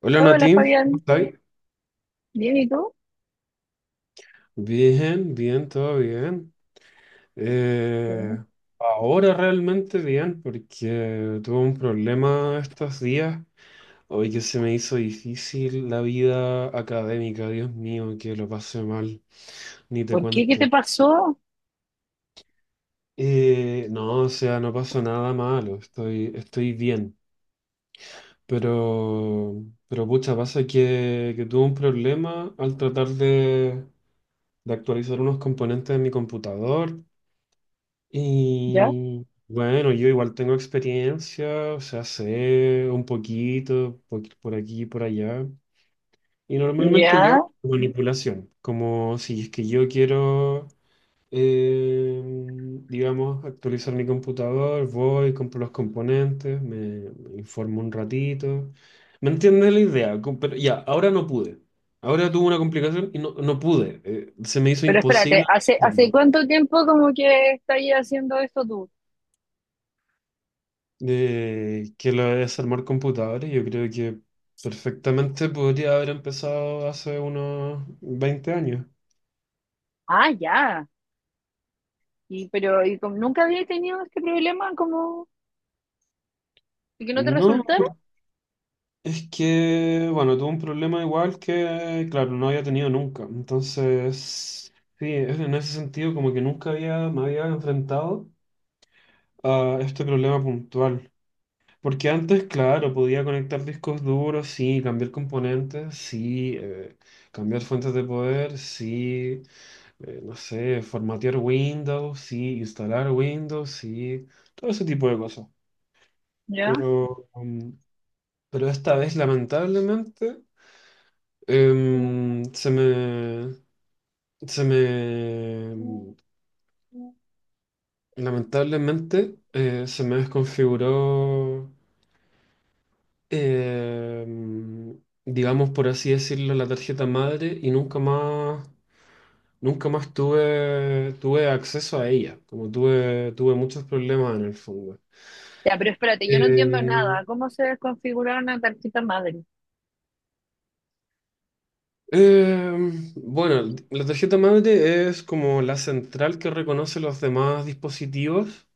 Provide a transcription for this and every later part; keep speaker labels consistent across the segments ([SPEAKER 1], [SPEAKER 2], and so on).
[SPEAKER 1] Hola
[SPEAKER 2] Hola
[SPEAKER 1] Nati, ¿cómo
[SPEAKER 2] Fabián,
[SPEAKER 1] estáis?
[SPEAKER 2] bien, ¿y tú?
[SPEAKER 1] Bien, bien, todo bien.
[SPEAKER 2] Bueno.
[SPEAKER 1] Eh, ahora realmente bien, porque tuve un problema estos días. Hoy que se me hizo difícil la vida académica, Dios mío, que lo pasé mal, ni te
[SPEAKER 2] ¿Por qué? ¿Qué te
[SPEAKER 1] cuento.
[SPEAKER 2] pasó?
[SPEAKER 1] No, o sea, no pasó nada malo, estoy bien. Pero pucha, pasa que tuve un problema al tratar de actualizar unos componentes de mi computador.
[SPEAKER 2] ¿Ya?
[SPEAKER 1] Y bueno, yo igual tengo experiencia, o sea, sé un poquito por aquí y por allá. Y normalmente yo
[SPEAKER 2] ¿Ya?
[SPEAKER 1] hago manipulación, como si es que yo quiero, eh, digamos, actualizar mi computador, voy, compro los componentes, me informo un ratito. ¿Me entiendes la idea? Pero ya, ahora no pude. Ahora tuve una complicación y no pude. Se me hizo
[SPEAKER 2] Pero
[SPEAKER 1] imposible
[SPEAKER 2] espérate, ¿hace
[SPEAKER 1] resolverlo.
[SPEAKER 2] cuánto tiempo como que estás haciendo esto tú?
[SPEAKER 1] Que lo de desarmar computadores, yo creo que perfectamente podría haber empezado hace unos 20 años.
[SPEAKER 2] Ah, ya. Y pero ¿y como nunca había tenido este problema como de que no te
[SPEAKER 1] No,
[SPEAKER 2] resultara?
[SPEAKER 1] es que, bueno, tuve un problema igual que, claro, no había tenido nunca. Entonces, sí, en ese sentido como que nunca había, me había enfrentado a este problema puntual. Porque antes, claro, podía conectar discos duros, sí, cambiar componentes, sí, cambiar fuentes de poder, sí, no sé, formatear Windows, sí, instalar Windows, sí, todo ese tipo de cosas.
[SPEAKER 2] Ya.
[SPEAKER 1] Pero, mm, pero esta vez, lamentablemente, em, se me, se me, mm, se me desconfiguró, em, digamos, por así decirlo, la tarjeta madre y nunca más tuve acceso a ella, como tuve muchos problemas en el fondo.
[SPEAKER 2] Ya, pero espérate, yo no entiendo
[SPEAKER 1] Eh,
[SPEAKER 2] nada. ¿Cómo se desconfigura una tarjeta madre?
[SPEAKER 1] eh, bueno, la tarjeta madre es como la central que reconoce los demás dispositivos,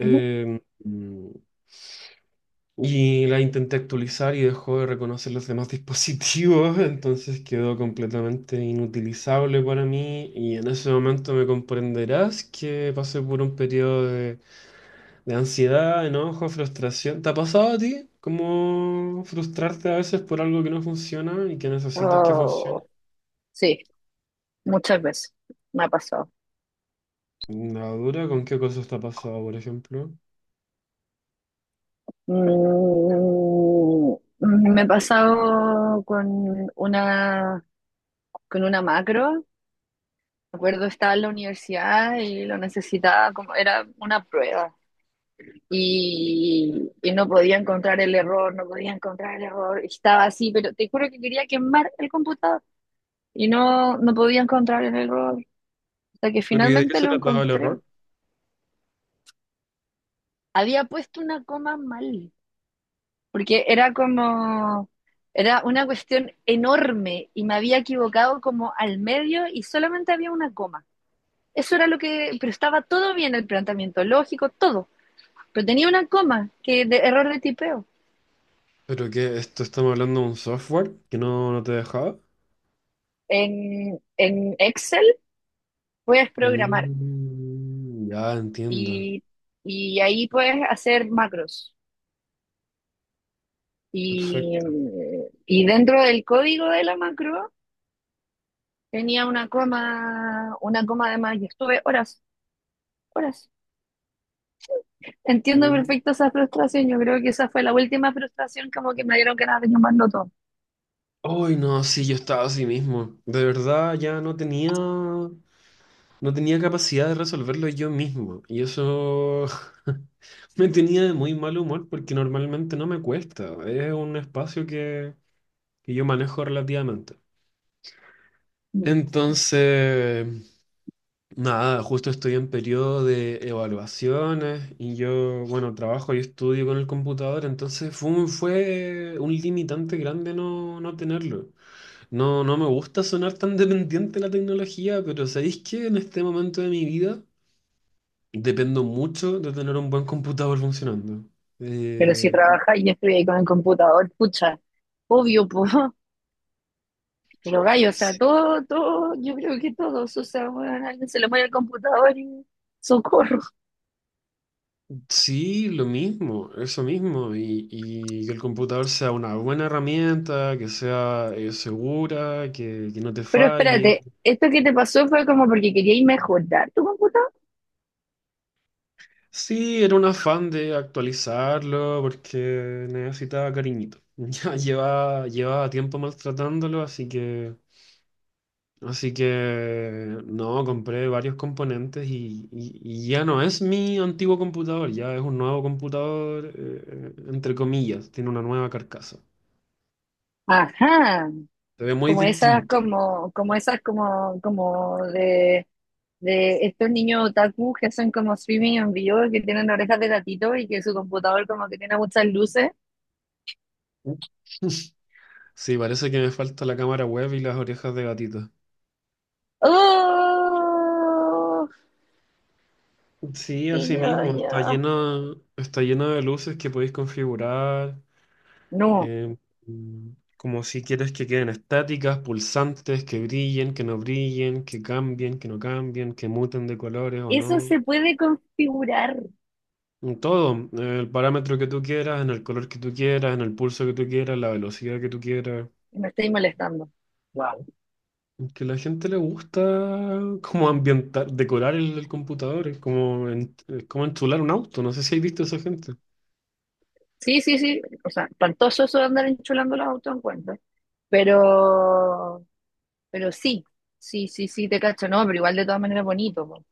[SPEAKER 2] Ujú.
[SPEAKER 1] y la intenté actualizar y dejó de reconocer los demás dispositivos. Entonces quedó completamente inutilizable para mí y en ese momento me comprenderás que pasé por un periodo de ansiedad, enojo, frustración. ¿Te ha pasado a ti? ¿Cómo frustrarte a veces por algo que no funciona y que necesitas que
[SPEAKER 2] Oh,
[SPEAKER 1] funcione?
[SPEAKER 2] sí, muchas veces me ha pasado.
[SPEAKER 1] La dura, ¿con qué cosa está pasada, por ejemplo?
[SPEAKER 2] Mm, me ha pasado con una macro. Me acuerdo, estaba en la universidad y lo necesitaba, como era una prueba. Y no podía encontrar el error, no podía encontrar el error. Estaba así, pero te juro que quería quemar el computador y no, no podía encontrar el error. Hasta que
[SPEAKER 1] Pero ¿y de qué
[SPEAKER 2] finalmente
[SPEAKER 1] se
[SPEAKER 2] lo
[SPEAKER 1] trataba el
[SPEAKER 2] encontré.
[SPEAKER 1] error?
[SPEAKER 2] Había puesto una coma mal, porque era como, era una cuestión enorme y me había equivocado como al medio y solamente había una coma. Eso era lo que, pero estaba todo bien el planteamiento lógico, todo. Pero tenía una coma que de error de tipeo.
[SPEAKER 1] ¿Pero qué? ¿Esto estamos hablando de un software que no te dejaba?
[SPEAKER 2] En Excel puedes programar
[SPEAKER 1] Mm, ya entiendo.
[SPEAKER 2] y, y ahí puedes hacer macros. Y,
[SPEAKER 1] Perfecto.
[SPEAKER 2] y dentro del código de la macro tenía una coma de más y estuve horas, horas. Entiendo
[SPEAKER 1] Mm.
[SPEAKER 2] perfecto esa frustración. Yo creo que esa fue la última frustración como que me dieron ganas de llamarlo todo.
[SPEAKER 1] Ay, no, sí, yo estaba así mismo. De verdad, ya no tenía capacidad de resolverlo yo mismo. Y eso me tenía de muy mal humor porque normalmente no me cuesta. Es un espacio que yo manejo relativamente. Entonces, nada, justo estoy en periodo de evaluaciones y yo, bueno, trabajo y estudio con el computador, entonces fue un limitante grande no tenerlo. No, no me gusta sonar tan dependiente de la tecnología, pero ¿sabéis que en este momento de mi vida dependo mucho de tener un buen computador funcionando?
[SPEAKER 2] Pero si
[SPEAKER 1] Eh, y-
[SPEAKER 2] trabajáis y estoy ahí con el computador, pucha, obvio, pues, pero gallo, o sea,
[SPEAKER 1] Sí,
[SPEAKER 2] todo, todo, yo creo que todos, o sea, bueno, alguien se le muere el computador y socorro.
[SPEAKER 1] sí, lo mismo, eso mismo, y que el computador sea una buena herramienta, que sea segura, que no te
[SPEAKER 2] Pero
[SPEAKER 1] falle.
[SPEAKER 2] espérate, esto que te pasó fue como porque queríais mejorar tu computador.
[SPEAKER 1] Sí, era un afán de actualizarlo porque necesitaba cariñito. Ya llevaba tiempo maltratándolo, así que no, compré varios componentes y ya no es mi antiguo computador, ya es un nuevo computador, entre comillas, tiene una nueva carcasa.
[SPEAKER 2] Ajá,
[SPEAKER 1] Se ve muy
[SPEAKER 2] como esas,
[SPEAKER 1] distinto.
[SPEAKER 2] como, como esas, como, como de estos niños otaku que son como streaming en vivo, que tienen orejas de gatito y que su computador como que tiene muchas luces.
[SPEAKER 1] Sí, parece que me falta la cámara web y las orejas de gatito.
[SPEAKER 2] ¡Oh!
[SPEAKER 1] Sí,
[SPEAKER 2] que
[SPEAKER 1] así
[SPEAKER 2] yo,
[SPEAKER 1] mismo, está
[SPEAKER 2] yo.
[SPEAKER 1] llena, está llena de luces que podéis configurar.
[SPEAKER 2] No,
[SPEAKER 1] eh, mm, como si quieres que queden estáticas, pulsantes, que brillen, que no brillen, que cambien, que no cambien, que muten de colores o
[SPEAKER 2] eso
[SPEAKER 1] no.
[SPEAKER 2] se puede configurar.
[SPEAKER 1] En todo, el parámetro que tú quieras, en el color que tú quieras, en el pulso que tú quieras, la velocidad que tú quieras.
[SPEAKER 2] Me estáis molestando. Wow.
[SPEAKER 1] Que a la gente le gusta como ambientar, decorar el computador. Es como, es como enchular un auto, no sé si has visto a esa gente.
[SPEAKER 2] Sí, sí, sí. O sea, espantoso eso de andar enchulando los autos en cuenta. Pero, pero sí, sí, sí, sí, te cacho, no, pero igual de todas maneras bonito, po.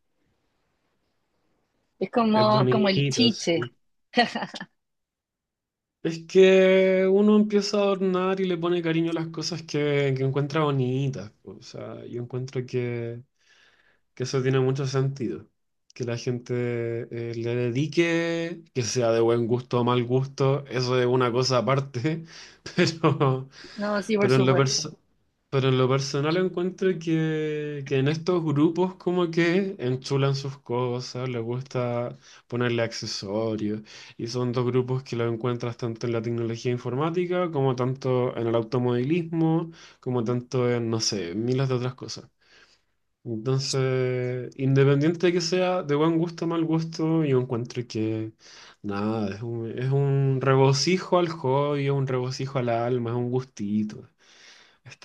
[SPEAKER 2] Es
[SPEAKER 1] Es
[SPEAKER 2] como, como el
[SPEAKER 1] bonito,
[SPEAKER 2] chiche,
[SPEAKER 1] sí. Es que uno empieza a adornar y le pone cariño a las cosas que encuentra bonitas. O sea, yo encuentro que eso tiene mucho sentido. Que la gente le dedique, que sea de buen gusto o mal gusto, eso es una cosa aparte. Pero,
[SPEAKER 2] ¿no? Sí, por
[SPEAKER 1] pero en lo
[SPEAKER 2] supuesto.
[SPEAKER 1] perso- pero en lo personal encuentro que en estos grupos como que enchulan sus cosas, les gusta ponerle accesorios, y son dos grupos que los encuentras tanto en la tecnología informática, como tanto en el automovilismo, como tanto en, no sé, miles de otras cosas. Entonces, independiente de que sea de buen gusto o mal gusto, yo encuentro que nada, es un regocijo al hobby, es un regocijo al alma, es un gustito.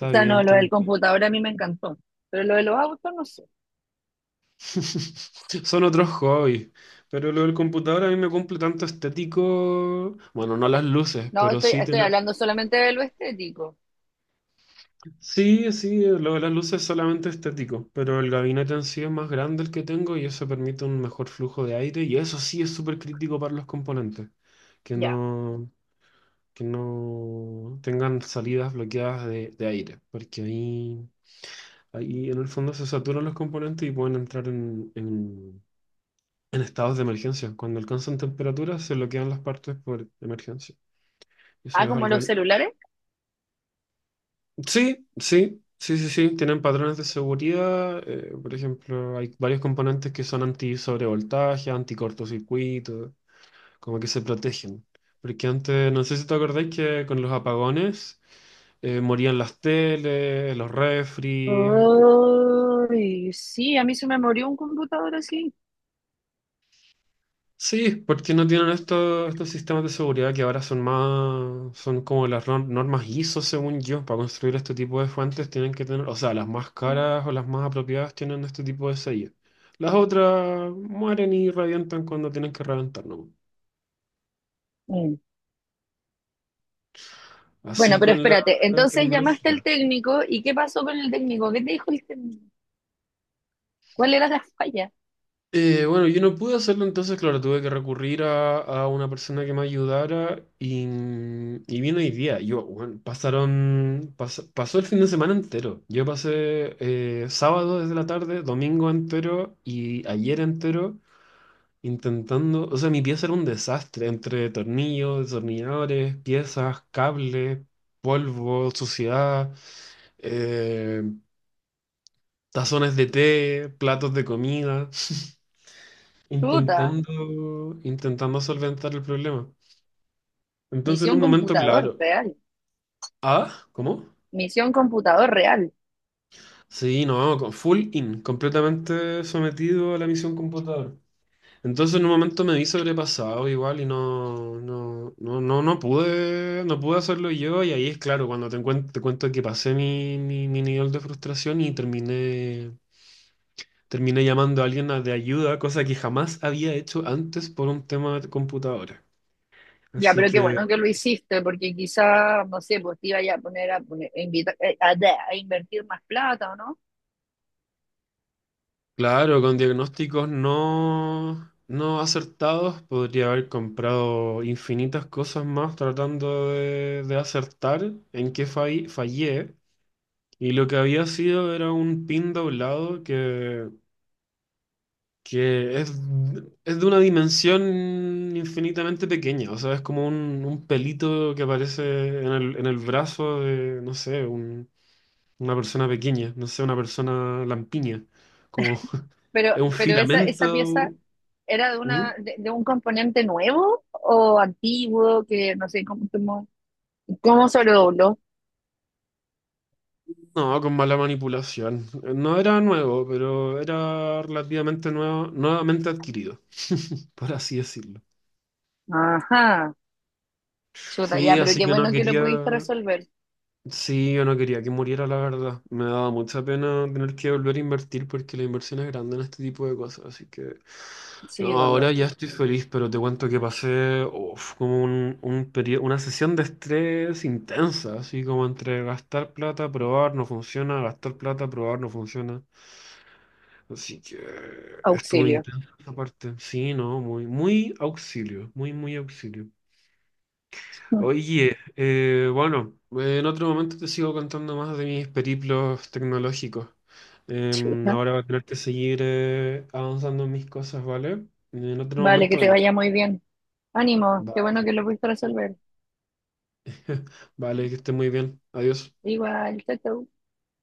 [SPEAKER 2] O sea,
[SPEAKER 1] bien
[SPEAKER 2] no, lo del
[SPEAKER 1] también.
[SPEAKER 2] computador a mí me encantó, pero lo de los autos no sé.
[SPEAKER 1] Son otros hobbies. Pero lo del computador a mí me cumple tanto estético. Bueno, no las luces,
[SPEAKER 2] No,
[SPEAKER 1] pero
[SPEAKER 2] estoy,
[SPEAKER 1] sí
[SPEAKER 2] estoy
[SPEAKER 1] tener.
[SPEAKER 2] hablando solamente de lo estético.
[SPEAKER 1] Sí, sí, lo de las luces es solamente estético, pero el gabinete en sí es más grande el que tengo y eso permite un mejor flujo de aire, y eso sí es súper crítico para los componentes, que
[SPEAKER 2] Ya.
[SPEAKER 1] no, que no tengan salidas bloqueadas de aire, porque ahí en el fondo se saturan los componentes y pueden entrar en estados de emergencia. Cuando alcanzan temperaturas se bloquean las partes por emergencia. Eso
[SPEAKER 2] Ah,
[SPEAKER 1] es
[SPEAKER 2] como
[SPEAKER 1] algo.
[SPEAKER 2] los celulares.
[SPEAKER 1] Sí, sí, sí, sí, sí, tienen patrones de seguridad. Por ejemplo, hay varios componentes que son anti-sobrevoltaje, anti-cortocircuito, como que se protegen. Porque antes, no sé si te acordáis que con los apagones morían las teles, los refri.
[SPEAKER 2] Ay, sí, a mí se me murió un computador así.
[SPEAKER 1] Sí, porque no tienen estos sistemas de seguridad que ahora son más, son como las normas ISO, según yo, para construir este tipo de fuentes tienen que tener, o sea, las más caras o las más apropiadas tienen este tipo de sello. Las otras mueren y revientan cuando tienen que reventar, ¿no?
[SPEAKER 2] Mm. Bueno,
[SPEAKER 1] Así
[SPEAKER 2] pero
[SPEAKER 1] con la
[SPEAKER 2] espérate, entonces llamaste al
[SPEAKER 1] tecnología.
[SPEAKER 2] técnico y ¿qué pasó con el técnico? ¿Qué te dijo el técnico? ¿Cuál era la falla?
[SPEAKER 1] Bueno, yo no pude hacerlo, entonces, claro, tuve que recurrir a una persona que me ayudara, y vino hoy día. Yo, bueno, pasó el fin de semana entero. Yo pasé sábado desde la tarde, domingo entero y ayer entero intentando, o sea, mi pieza era un desastre entre tornillos, destornilladores, piezas, cables, polvo, suciedad, eh, tazones de té, platos de comida.
[SPEAKER 2] Puta,
[SPEAKER 1] Intentando solventar el problema. Entonces, en un
[SPEAKER 2] misión
[SPEAKER 1] momento,
[SPEAKER 2] computador
[SPEAKER 1] claro.
[SPEAKER 2] real,
[SPEAKER 1] Ah, ¿cómo?
[SPEAKER 2] misión computador real.
[SPEAKER 1] Sí, no, con full in, completamente sometido a la misión computador. Entonces, en un momento me vi sobrepasado igual y no pude hacerlo yo. Y ahí es claro, cuando te cuento que pasé mi nivel de frustración y terminé llamando a alguien de ayuda, cosa que jamás había hecho antes por un tema de computadora.
[SPEAKER 2] Ya,
[SPEAKER 1] Así
[SPEAKER 2] pero qué
[SPEAKER 1] que.
[SPEAKER 2] bueno que lo hiciste, porque quizá, no sé, pues te iba ya a poner a, poner a, invita, a invertir más plata, ¿o no?
[SPEAKER 1] Claro, con diagnósticos no acertados podría haber comprado infinitas cosas más tratando de acertar en qué fallé. Y lo que había sido era un pin doblado que es de una dimensión infinitamente pequeña. O sea, es como un pelito que aparece en el brazo de, no sé, una persona pequeña, no sé, una persona lampiña. Como es un
[SPEAKER 2] Pero esa, esa pieza
[SPEAKER 1] filamento.
[SPEAKER 2] ¿era de
[SPEAKER 1] ¿Mm?
[SPEAKER 2] una, de un componente nuevo o antiguo que no sé cómo, cómo, cómo se lo sobredobló?
[SPEAKER 1] No, con mala manipulación. No era nuevo, pero era relativamente nuevo, nuevamente adquirido, por así decirlo.
[SPEAKER 2] Ajá, chuta,
[SPEAKER 1] Sí,
[SPEAKER 2] ya, pero
[SPEAKER 1] así
[SPEAKER 2] qué
[SPEAKER 1] que no
[SPEAKER 2] bueno que lo
[SPEAKER 1] quería,
[SPEAKER 2] pudiste resolver.
[SPEAKER 1] sí, yo no quería que muriera, la verdad. Me daba mucha pena tener que volver a invertir porque la inversión es grande en este tipo de cosas, así que
[SPEAKER 2] Sí,
[SPEAKER 1] no,
[SPEAKER 2] dolor,
[SPEAKER 1] ahora ya estoy feliz, pero te cuento que pasé uf, como un periodo, una sesión de estrés intensa, así como entre gastar plata, probar, no funciona, gastar plata, probar, no funciona. Así que estuvo
[SPEAKER 2] auxilio.
[SPEAKER 1] intenso esa parte. Sí, no, muy, muy auxilio, muy, muy auxilio. Oye, bueno, en otro momento te sigo contando más de mis periplos tecnológicos. Em,
[SPEAKER 2] Chuta.
[SPEAKER 1] ahora voy a tener que seguir avanzando en mis cosas, ¿vale? En otro
[SPEAKER 2] Vale,
[SPEAKER 1] momento
[SPEAKER 2] que te
[SPEAKER 1] hablamos.
[SPEAKER 2] vaya muy bien. Ánimo, qué bueno que
[SPEAKER 1] Vale.
[SPEAKER 2] lo pudiste resolver.
[SPEAKER 1] Vale, que esté muy bien. Adiós.
[SPEAKER 2] Igual, chao, chao.